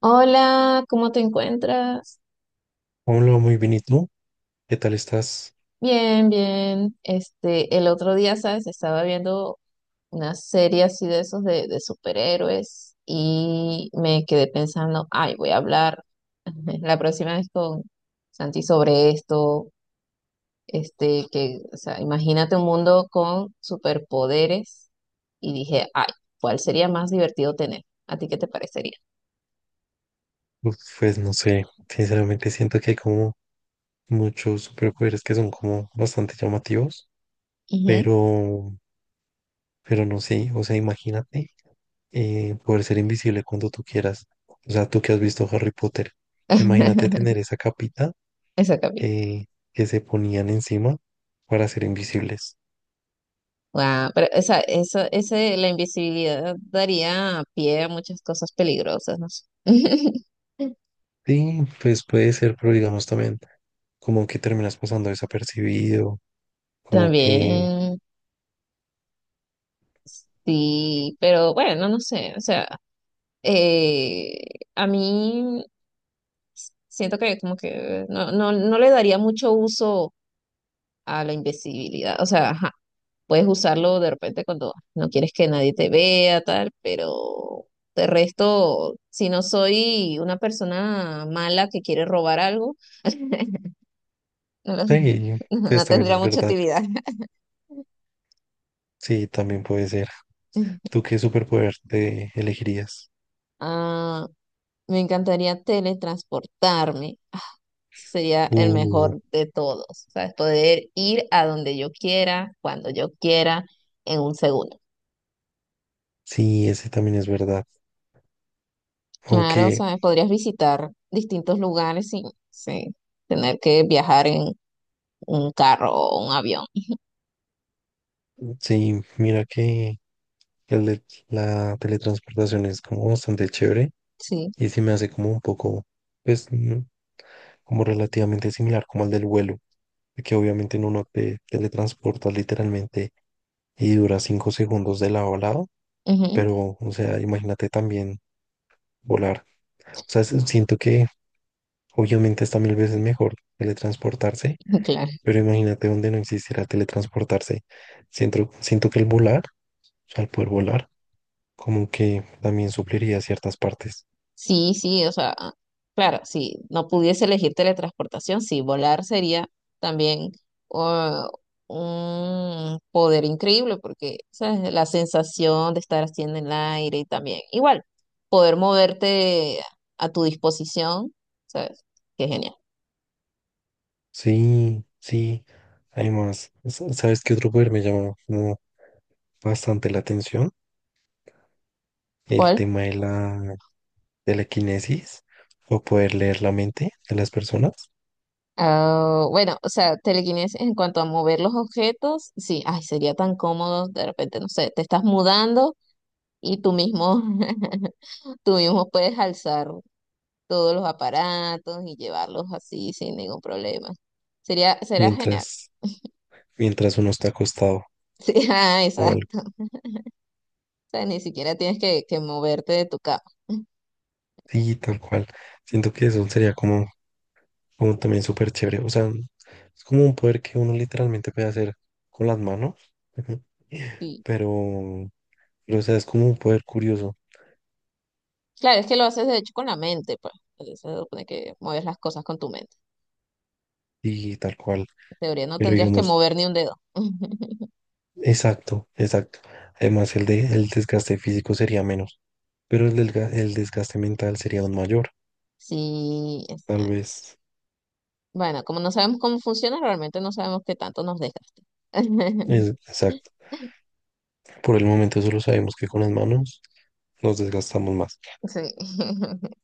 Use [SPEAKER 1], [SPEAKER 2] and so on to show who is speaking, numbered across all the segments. [SPEAKER 1] Hola, ¿cómo te encuentras?
[SPEAKER 2] Hola, muy bien, ¿y tú? ¿Qué tal estás?
[SPEAKER 1] Bien. El otro día, ¿sabes? Estaba viendo una serie así de esos de superhéroes y me quedé pensando, ay, voy a hablar la próxima vez con Santi sobre esto. O sea, imagínate un mundo con superpoderes y dije, ay, ¿cuál sería más divertido tener? ¿A ti qué te parecería?
[SPEAKER 2] Uf, pues no sé, sinceramente siento que hay como muchos superpoderes que son como bastante llamativos,
[SPEAKER 1] Ujú.
[SPEAKER 2] pero, pero, no sé, o sea, imagínate poder ser invisible cuando tú quieras. O sea, tú que has visto Harry Potter, imagínate tener esa capita
[SPEAKER 1] Exactamente.
[SPEAKER 2] que, que se ponían encima para ser invisibles.
[SPEAKER 1] Wow, pero la invisibilidad daría pie a muchas cosas peligrosas, no sé.
[SPEAKER 2] Sí, pues puede ser, pero digamos también como que terminas pasando desapercibido, como que.
[SPEAKER 1] También, sí, pero bueno, no sé, o sea, eh, a mí siento que como que no le daría mucho uso a la invisibilidad, o sea, ajá, puedes usarlo de repente cuando no quieres que nadie te vea, tal, pero de resto, si no soy una persona mala que quiere robar algo. No, lo sé.
[SPEAKER 2] Sí, pues
[SPEAKER 1] No
[SPEAKER 2] también
[SPEAKER 1] tendría
[SPEAKER 2] es
[SPEAKER 1] mucha
[SPEAKER 2] verdad.
[SPEAKER 1] utilidad.
[SPEAKER 2] Sí, también puede ser. ¿Tú qué superpoder te elegirías?
[SPEAKER 1] Ah, me encantaría teletransportarme. Ah, sería el
[SPEAKER 2] Uh,
[SPEAKER 1] mejor de todos. ¿Sabes? Poder ir a donde yo quiera, cuando yo quiera, en un segundo.
[SPEAKER 2] sí, ese también es verdad.
[SPEAKER 1] Claro,
[SPEAKER 2] Aunque,
[SPEAKER 1] ¿sabes? Podrías visitar distintos lugares sin tener que viajar en un carro o un avión.
[SPEAKER 2] sí, mira que el de la teletransportación es como bastante chévere
[SPEAKER 1] Sí,
[SPEAKER 2] y sí me hace como un poco, pues, como relativamente similar como el del vuelo, que obviamente en uno te teletransporta literalmente y dura 5 segundos de lado a lado,
[SPEAKER 1] ujú.
[SPEAKER 2] pero, o sea, imagínate también volar. O sea, siento que obviamente está mil veces mejor teletransportarse.
[SPEAKER 1] Claro.
[SPEAKER 2] Pero imagínate donde no existiera teletransportarse. Siento, siento que el volar, o sea, al poder volar, como que también supliría ciertas partes.
[SPEAKER 1] Sí, sí, o sea, claro, si no pudiese elegir teletransportación, sí, volar sería también uh, un poder increíble porque, ¿sabes? La sensación de estar así en el aire y también, igual, poder moverte a tu disposición, ¿sabes? Qué genial.
[SPEAKER 2] Sí, sí. Además, ¿sabes qué otro poder me llama como bastante la atención? El
[SPEAKER 1] ¿Cuál?
[SPEAKER 2] tema de la, quinesis o poder leer la mente de las personas
[SPEAKER 1] Ah, bueno, o sea, telequinesis en cuanto a mover los objetos, sí, ay, sería tan cómodo, de repente, no sé, te estás mudando y tú mismo, tú mismo puedes alzar todos los aparatos y llevarlos así sin ningún problema. Será genial.
[SPEAKER 2] mientras, mientras uno está acostado
[SPEAKER 1] Sí, ah,
[SPEAKER 2] o algo.
[SPEAKER 1] exacto. O sea, ni siquiera tienes que moverte de tu cama.
[SPEAKER 2] Sí, tal cual. Siento que eso sería como también súper chévere. O sea, es como un poder que uno literalmente puede hacer con las manos. Ujú.
[SPEAKER 1] Sí.
[SPEAKER 2] Pero, pero, o sea, es como un poder curioso
[SPEAKER 1] Claro, es que lo haces de hecho con la mente, pues. Se supone que mueves las cosas con tu mente.
[SPEAKER 2] y tal cual.
[SPEAKER 1] En teoría no
[SPEAKER 2] Pero
[SPEAKER 1] tendrías que
[SPEAKER 2] digamos,
[SPEAKER 1] mover ni un dedo.
[SPEAKER 2] exacto, exacto. Además, el desgaste físico sería menos, pero el desgaste mental sería aún mayor.
[SPEAKER 1] Sí,
[SPEAKER 2] Tal
[SPEAKER 1] exacto.
[SPEAKER 2] vez,
[SPEAKER 1] Bueno, como no sabemos cómo funciona, realmente no sabemos qué tanto nos desgaste.
[SPEAKER 2] exacto. Por el momento solo sabemos que con las manos nos desgastamos más.
[SPEAKER 1] Sí.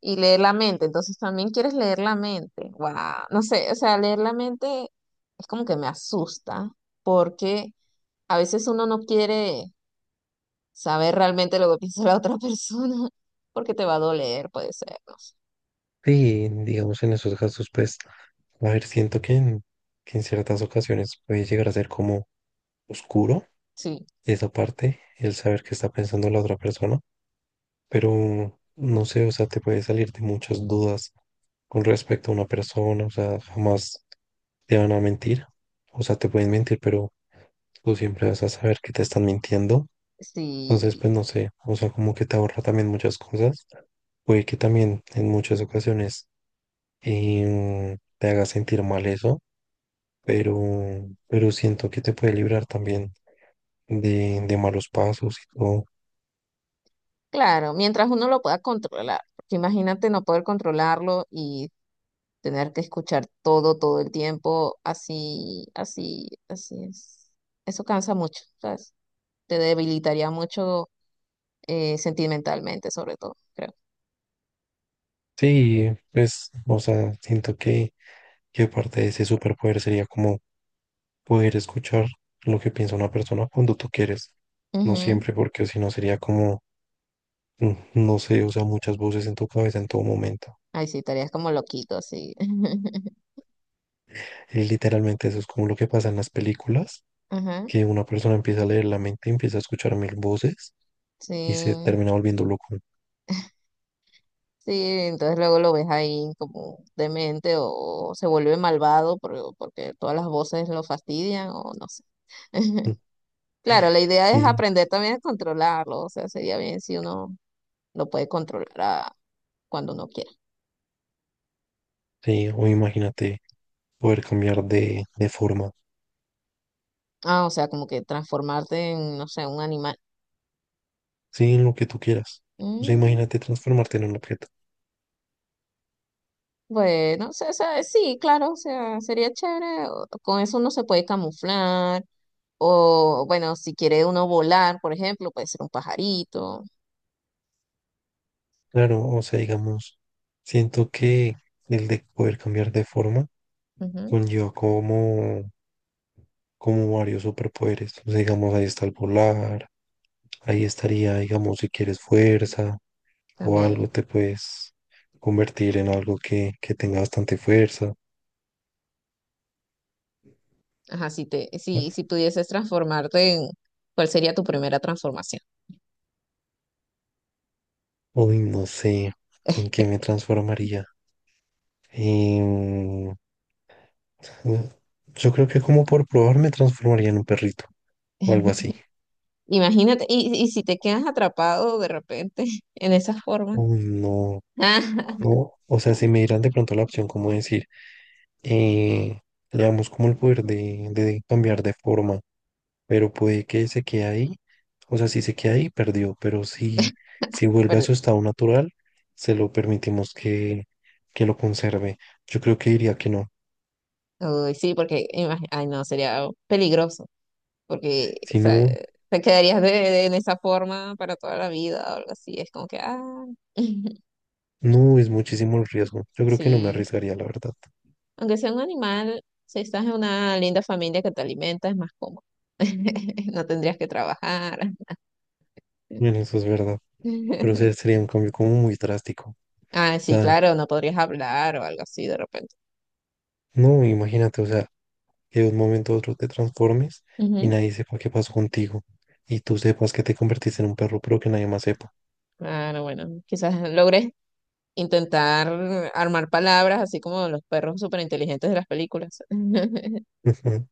[SPEAKER 1] Y leer la mente, entonces también quieres leer la mente. Wow, no sé, o sea, leer la mente es como que me asusta porque a veces uno no quiere saber realmente lo que piensa la otra persona porque te va a doler, puede ser, no sé.
[SPEAKER 2] Y digamos, en esos casos, pues, a ver, siento que que en ciertas ocasiones puede llegar a ser como oscuro
[SPEAKER 1] Sí,
[SPEAKER 2] esa parte, el saber qué está pensando la otra persona, pero no sé, o sea, te puede salir de muchas dudas con respecto a una persona, o sea, jamás te van a mentir, o sea, te pueden mentir, pero tú siempre vas a saber que te están mintiendo, entonces
[SPEAKER 1] sí,
[SPEAKER 2] pues no sé, o sea, como que te ahorra también muchas cosas, puede que también en muchas ocasiones te haga sentir mal eso, pero, pero, siento que te puede librar también de malos pasos y todo.
[SPEAKER 1] claro, mientras uno lo pueda controlar, porque imagínate no poder controlarlo y tener que escuchar todo, todo el tiempo, así es. Eso cansa mucho, ¿sabes? Te debilitaría mucho sentimentalmente, sobre todo, creo.
[SPEAKER 2] Sí, pues, o sea, siento que parte de ese superpoder sería como poder escuchar lo que piensa una persona cuando tú quieres. No
[SPEAKER 1] Ujú.
[SPEAKER 2] siempre, porque si no sería como, no sé, o sea, muchas voces en tu cabeza en todo momento.
[SPEAKER 1] Ay, sí, estarías como loquito, así.
[SPEAKER 2] Y literalmente eso es como lo que pasa en las películas,
[SPEAKER 1] Ajá,
[SPEAKER 2] que una persona empieza a leer la mente, empieza a escuchar mil voces y se
[SPEAKER 1] sí.
[SPEAKER 2] termina volviendo loco.
[SPEAKER 1] Sí, entonces luego lo ves ahí como demente o se vuelve malvado porque todas las voces lo fastidian o no sé.
[SPEAKER 2] Mm.
[SPEAKER 1] Claro, la idea es
[SPEAKER 2] Sí,
[SPEAKER 1] aprender también a controlarlo, o sea, sería bien si uno lo puede controlar cuando uno quiera.
[SPEAKER 2] sí, o imagínate poder cambiar de, forma,
[SPEAKER 1] Ah, o sea, como que transformarte en, no sé, un animal.
[SPEAKER 2] sí, en lo que tú quieras. O sea,
[SPEAKER 1] Mm.
[SPEAKER 2] imagínate transformarte en un objeto.
[SPEAKER 1] Bueno, sí, claro, o sea, sería chévere. Con eso uno se puede camuflar. O bueno, si quiere uno volar, por ejemplo, puede ser un pajarito.
[SPEAKER 2] Claro, o sea, digamos, siento que el de poder cambiar de forma
[SPEAKER 1] Ujú,
[SPEAKER 2] conlleva como, varios superpoderes. O sea, digamos, ahí está el volar, ahí estaría, digamos, si quieres fuerza o algo,
[SPEAKER 1] también.
[SPEAKER 2] te puedes convertir en algo que tenga bastante fuerza.
[SPEAKER 1] Ajá, si te, si, si pudieses transformarte en, ¿cuál sería tu primera transformación?
[SPEAKER 2] Uy, no sé en qué me transformaría. Em, yo creo que como por probar me transformaría en un perrito o algo así.
[SPEAKER 1] Imagínate, y si te quedas atrapado de repente en esa forma.
[SPEAKER 2] Uy, no. No, o sea, si me dieran de pronto la opción como decir, eh, le damos como el poder de, cambiar de forma, pero puede que se quede ahí, o sea, si se queda ahí, perdió, pero si, vuelve a
[SPEAKER 1] Pero,
[SPEAKER 2] su estado natural, se lo permitimos que lo conserve. Yo creo que diría que no.
[SPEAKER 1] uy, sí, porque ay, no, sería peligroso. Porque, o
[SPEAKER 2] Si
[SPEAKER 1] sea,
[SPEAKER 2] no,
[SPEAKER 1] te quedarías en esa forma para toda la vida o algo así. Es como que, ah,
[SPEAKER 2] no es muchísimo el riesgo. Yo creo que no me
[SPEAKER 1] sí.
[SPEAKER 2] arriesgaría, la verdad.
[SPEAKER 1] Aunque sea un animal, si estás en una linda familia que te alimenta, es más cómodo. No tendrías que trabajar.
[SPEAKER 2] Bueno, eso es verdad, pero sería un cambio como muy drástico. O
[SPEAKER 1] Ah, sí,
[SPEAKER 2] sea,
[SPEAKER 1] claro, no podrías hablar o algo así de repente.
[SPEAKER 2] no, imagínate, o sea, que de un momento a otro te transformes y
[SPEAKER 1] Ujú.
[SPEAKER 2] nadie sepa qué pasó contigo y tú sepas que te convertiste en un perro, pero que nadie más sepa.
[SPEAKER 1] Claro, bueno, quizás logres intentar armar palabras así como los perros superinteligentes de las películas.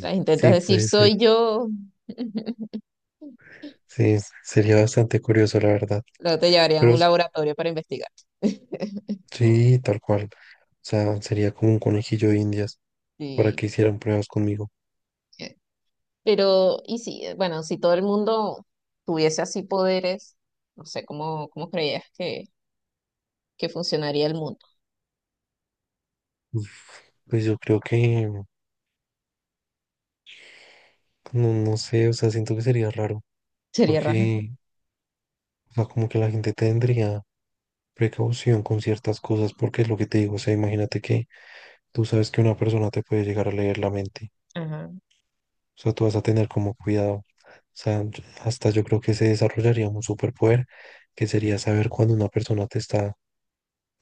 [SPEAKER 1] Las intentas
[SPEAKER 2] Sí,
[SPEAKER 1] decir
[SPEAKER 2] puede ser.
[SPEAKER 1] soy yo.
[SPEAKER 2] Sí, sería bastante curioso, la verdad.
[SPEAKER 1] Luego te llevarían a
[SPEAKER 2] Pero
[SPEAKER 1] un laboratorio para investigar.
[SPEAKER 2] sí, tal cual. O sea, sería como un conejillo de Indias para
[SPEAKER 1] Sí.
[SPEAKER 2] que hicieran pruebas conmigo.
[SPEAKER 1] eh, Pero, y sí, bueno, si todo el mundo tuviese así poderes, no sé cómo creías que funcionaría el mundo.
[SPEAKER 2] Uf, pues yo creo que, no, no sé, o sea, siento que sería raro
[SPEAKER 1] Sería raro.
[SPEAKER 2] porque, o sea, como que la gente tendría precaución con ciertas cosas porque es lo que te digo. O sea, imagínate que tú sabes que una persona te puede llegar a leer la mente.
[SPEAKER 1] Ajá.
[SPEAKER 2] O sea, tú vas a tener como cuidado. O sea, hasta yo creo que se desarrollaría un superpoder que sería saber cuando una persona te está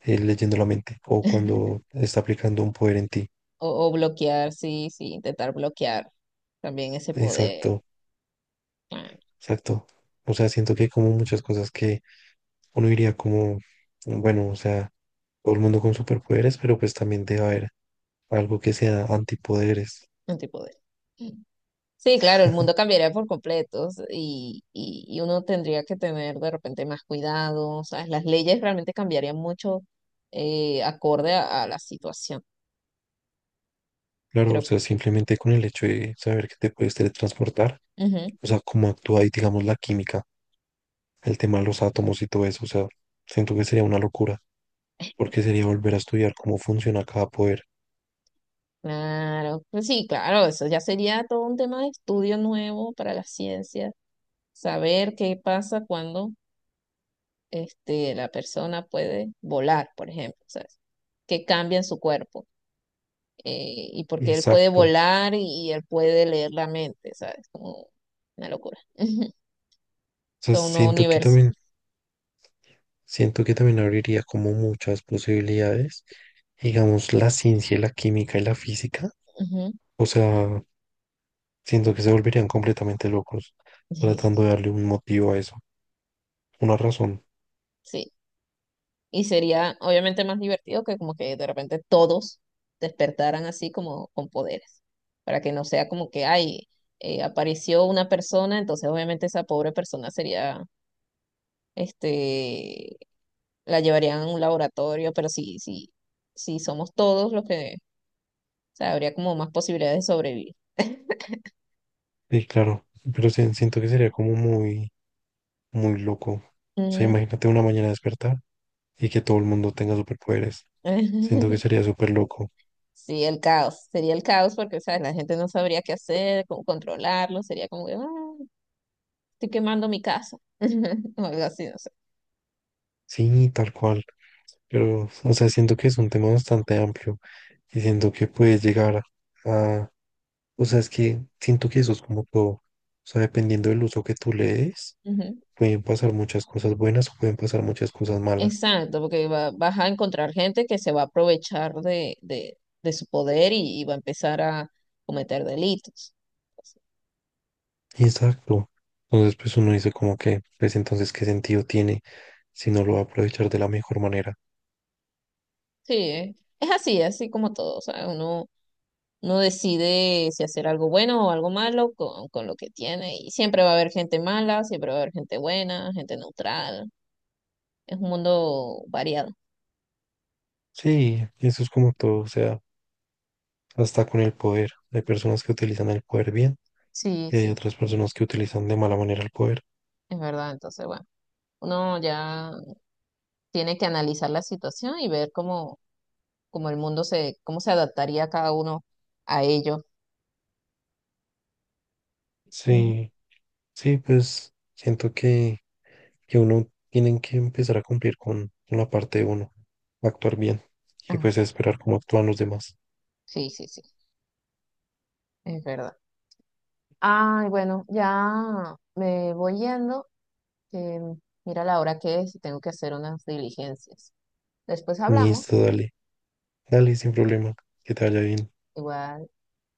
[SPEAKER 2] leyendo la mente o cuando está aplicando un poder en ti.
[SPEAKER 1] O bloquear, sí, sí, intentar bloquear también ese poder,
[SPEAKER 2] Exacto.
[SPEAKER 1] claro,
[SPEAKER 2] Exacto. O sea, siento que hay como muchas cosas que uno diría como, bueno, o sea, todo el mundo con superpoderes, pero pues también debe haber algo que sea antipoderes.
[SPEAKER 1] antipoder. Sí, claro, el mundo cambiaría por completo y uno tendría que tener de repente más cuidado, ¿sabes? Las leyes realmente cambiarían mucho, acorde a la situación.
[SPEAKER 2] Claro, o
[SPEAKER 1] Creo que.
[SPEAKER 2] sea, simplemente con el hecho de saber que te puedes teletransportar,
[SPEAKER 1] Ujú.
[SPEAKER 2] o sea, cómo actúa ahí, digamos, la química, el tema de los átomos y todo eso, o sea, siento que sería una locura, porque sería volver a estudiar cómo funciona cada poder.
[SPEAKER 1] Claro, pues sí, claro, eso ya sería todo un tema de estudio nuevo para la ciencia, saber qué pasa cuando la persona puede volar, por ejemplo, ¿sabes? Qué cambia en su cuerpo, y por qué él puede
[SPEAKER 2] Exacto. O
[SPEAKER 1] volar él puede leer la mente, ¿sabes? Como una locura,
[SPEAKER 2] sea,
[SPEAKER 1] todo un nuevo
[SPEAKER 2] siento que
[SPEAKER 1] universo.
[SPEAKER 2] también Siento que también abriría como muchas posibilidades, digamos, la ciencia, la química y la física.
[SPEAKER 1] Ujú.
[SPEAKER 2] O sea, siento que se volverían completamente locos tratando de darle un motivo a eso, una razón.
[SPEAKER 1] Sí, y sería obviamente más divertido que como que de repente todos despertaran así como con poderes, para que no sea como que, ay, apareció una persona, entonces obviamente esa pobre persona sería, este, la llevarían a un laboratorio, pero si somos todos los que, o sea, habría como más posibilidades de sobrevivir.
[SPEAKER 2] Sí, claro, pero siento que sería como muy, muy loco. O sea,
[SPEAKER 1] Ujú.
[SPEAKER 2] imagínate una mañana despertar y que todo el mundo tenga superpoderes. Siento que sería súper loco.
[SPEAKER 1] Sí, el caos, sería el caos porque, ¿sabes? La gente no sabría qué hacer, cómo controlarlo, sería como que, "Ah, estoy quemando mi casa", o algo así, no sé.
[SPEAKER 2] Sí, tal cual. Pero, o sea, siento que es un tema bastante amplio y siento que puedes llegar a, o sea, es que siento que eso es como todo. O sea, dependiendo del uso que tú le des,
[SPEAKER 1] Ujú.
[SPEAKER 2] pueden pasar muchas cosas buenas o pueden pasar muchas cosas malas.
[SPEAKER 1] Exacto, porque vas a encontrar gente que se va a aprovechar de su poder y va a empezar a cometer delitos.
[SPEAKER 2] Exacto. Entonces, pues uno dice como que, pues entonces, ¿qué sentido tiene si no lo va a aprovechar de la mejor manera?
[SPEAKER 1] Sí, es así, así como todo. O sea, uno decide si hacer algo bueno o algo malo con lo que tiene. Y siempre va a haber gente mala, siempre va a haber gente buena, gente neutral. Es un mundo variado.
[SPEAKER 2] Sí, eso es como todo. O sea, hasta con el poder. Hay personas que utilizan el poder bien
[SPEAKER 1] Sí,
[SPEAKER 2] y hay
[SPEAKER 1] sí,
[SPEAKER 2] otras personas que utilizan de mala manera el poder.
[SPEAKER 1] es verdad. Entonces, bueno, uno ya tiene que analizar la situación y ver cómo como el mundo se, cómo se adaptaría cada uno a ello. Ujú.
[SPEAKER 2] Sí, sí, pues siento que uno tiene que empezar a cumplir con la parte de uno, actuar bien y
[SPEAKER 1] Ah,
[SPEAKER 2] pues esperar cómo actúan los demás.
[SPEAKER 1] sí, sí, sí, es verdad. Ay, bueno, ya me voy yendo, que mira la hora que es y tengo que hacer unas diligencias. Después
[SPEAKER 2] Listo,
[SPEAKER 1] hablamos,
[SPEAKER 2] dale, dale, sin problema, que te vaya bien.
[SPEAKER 1] igual.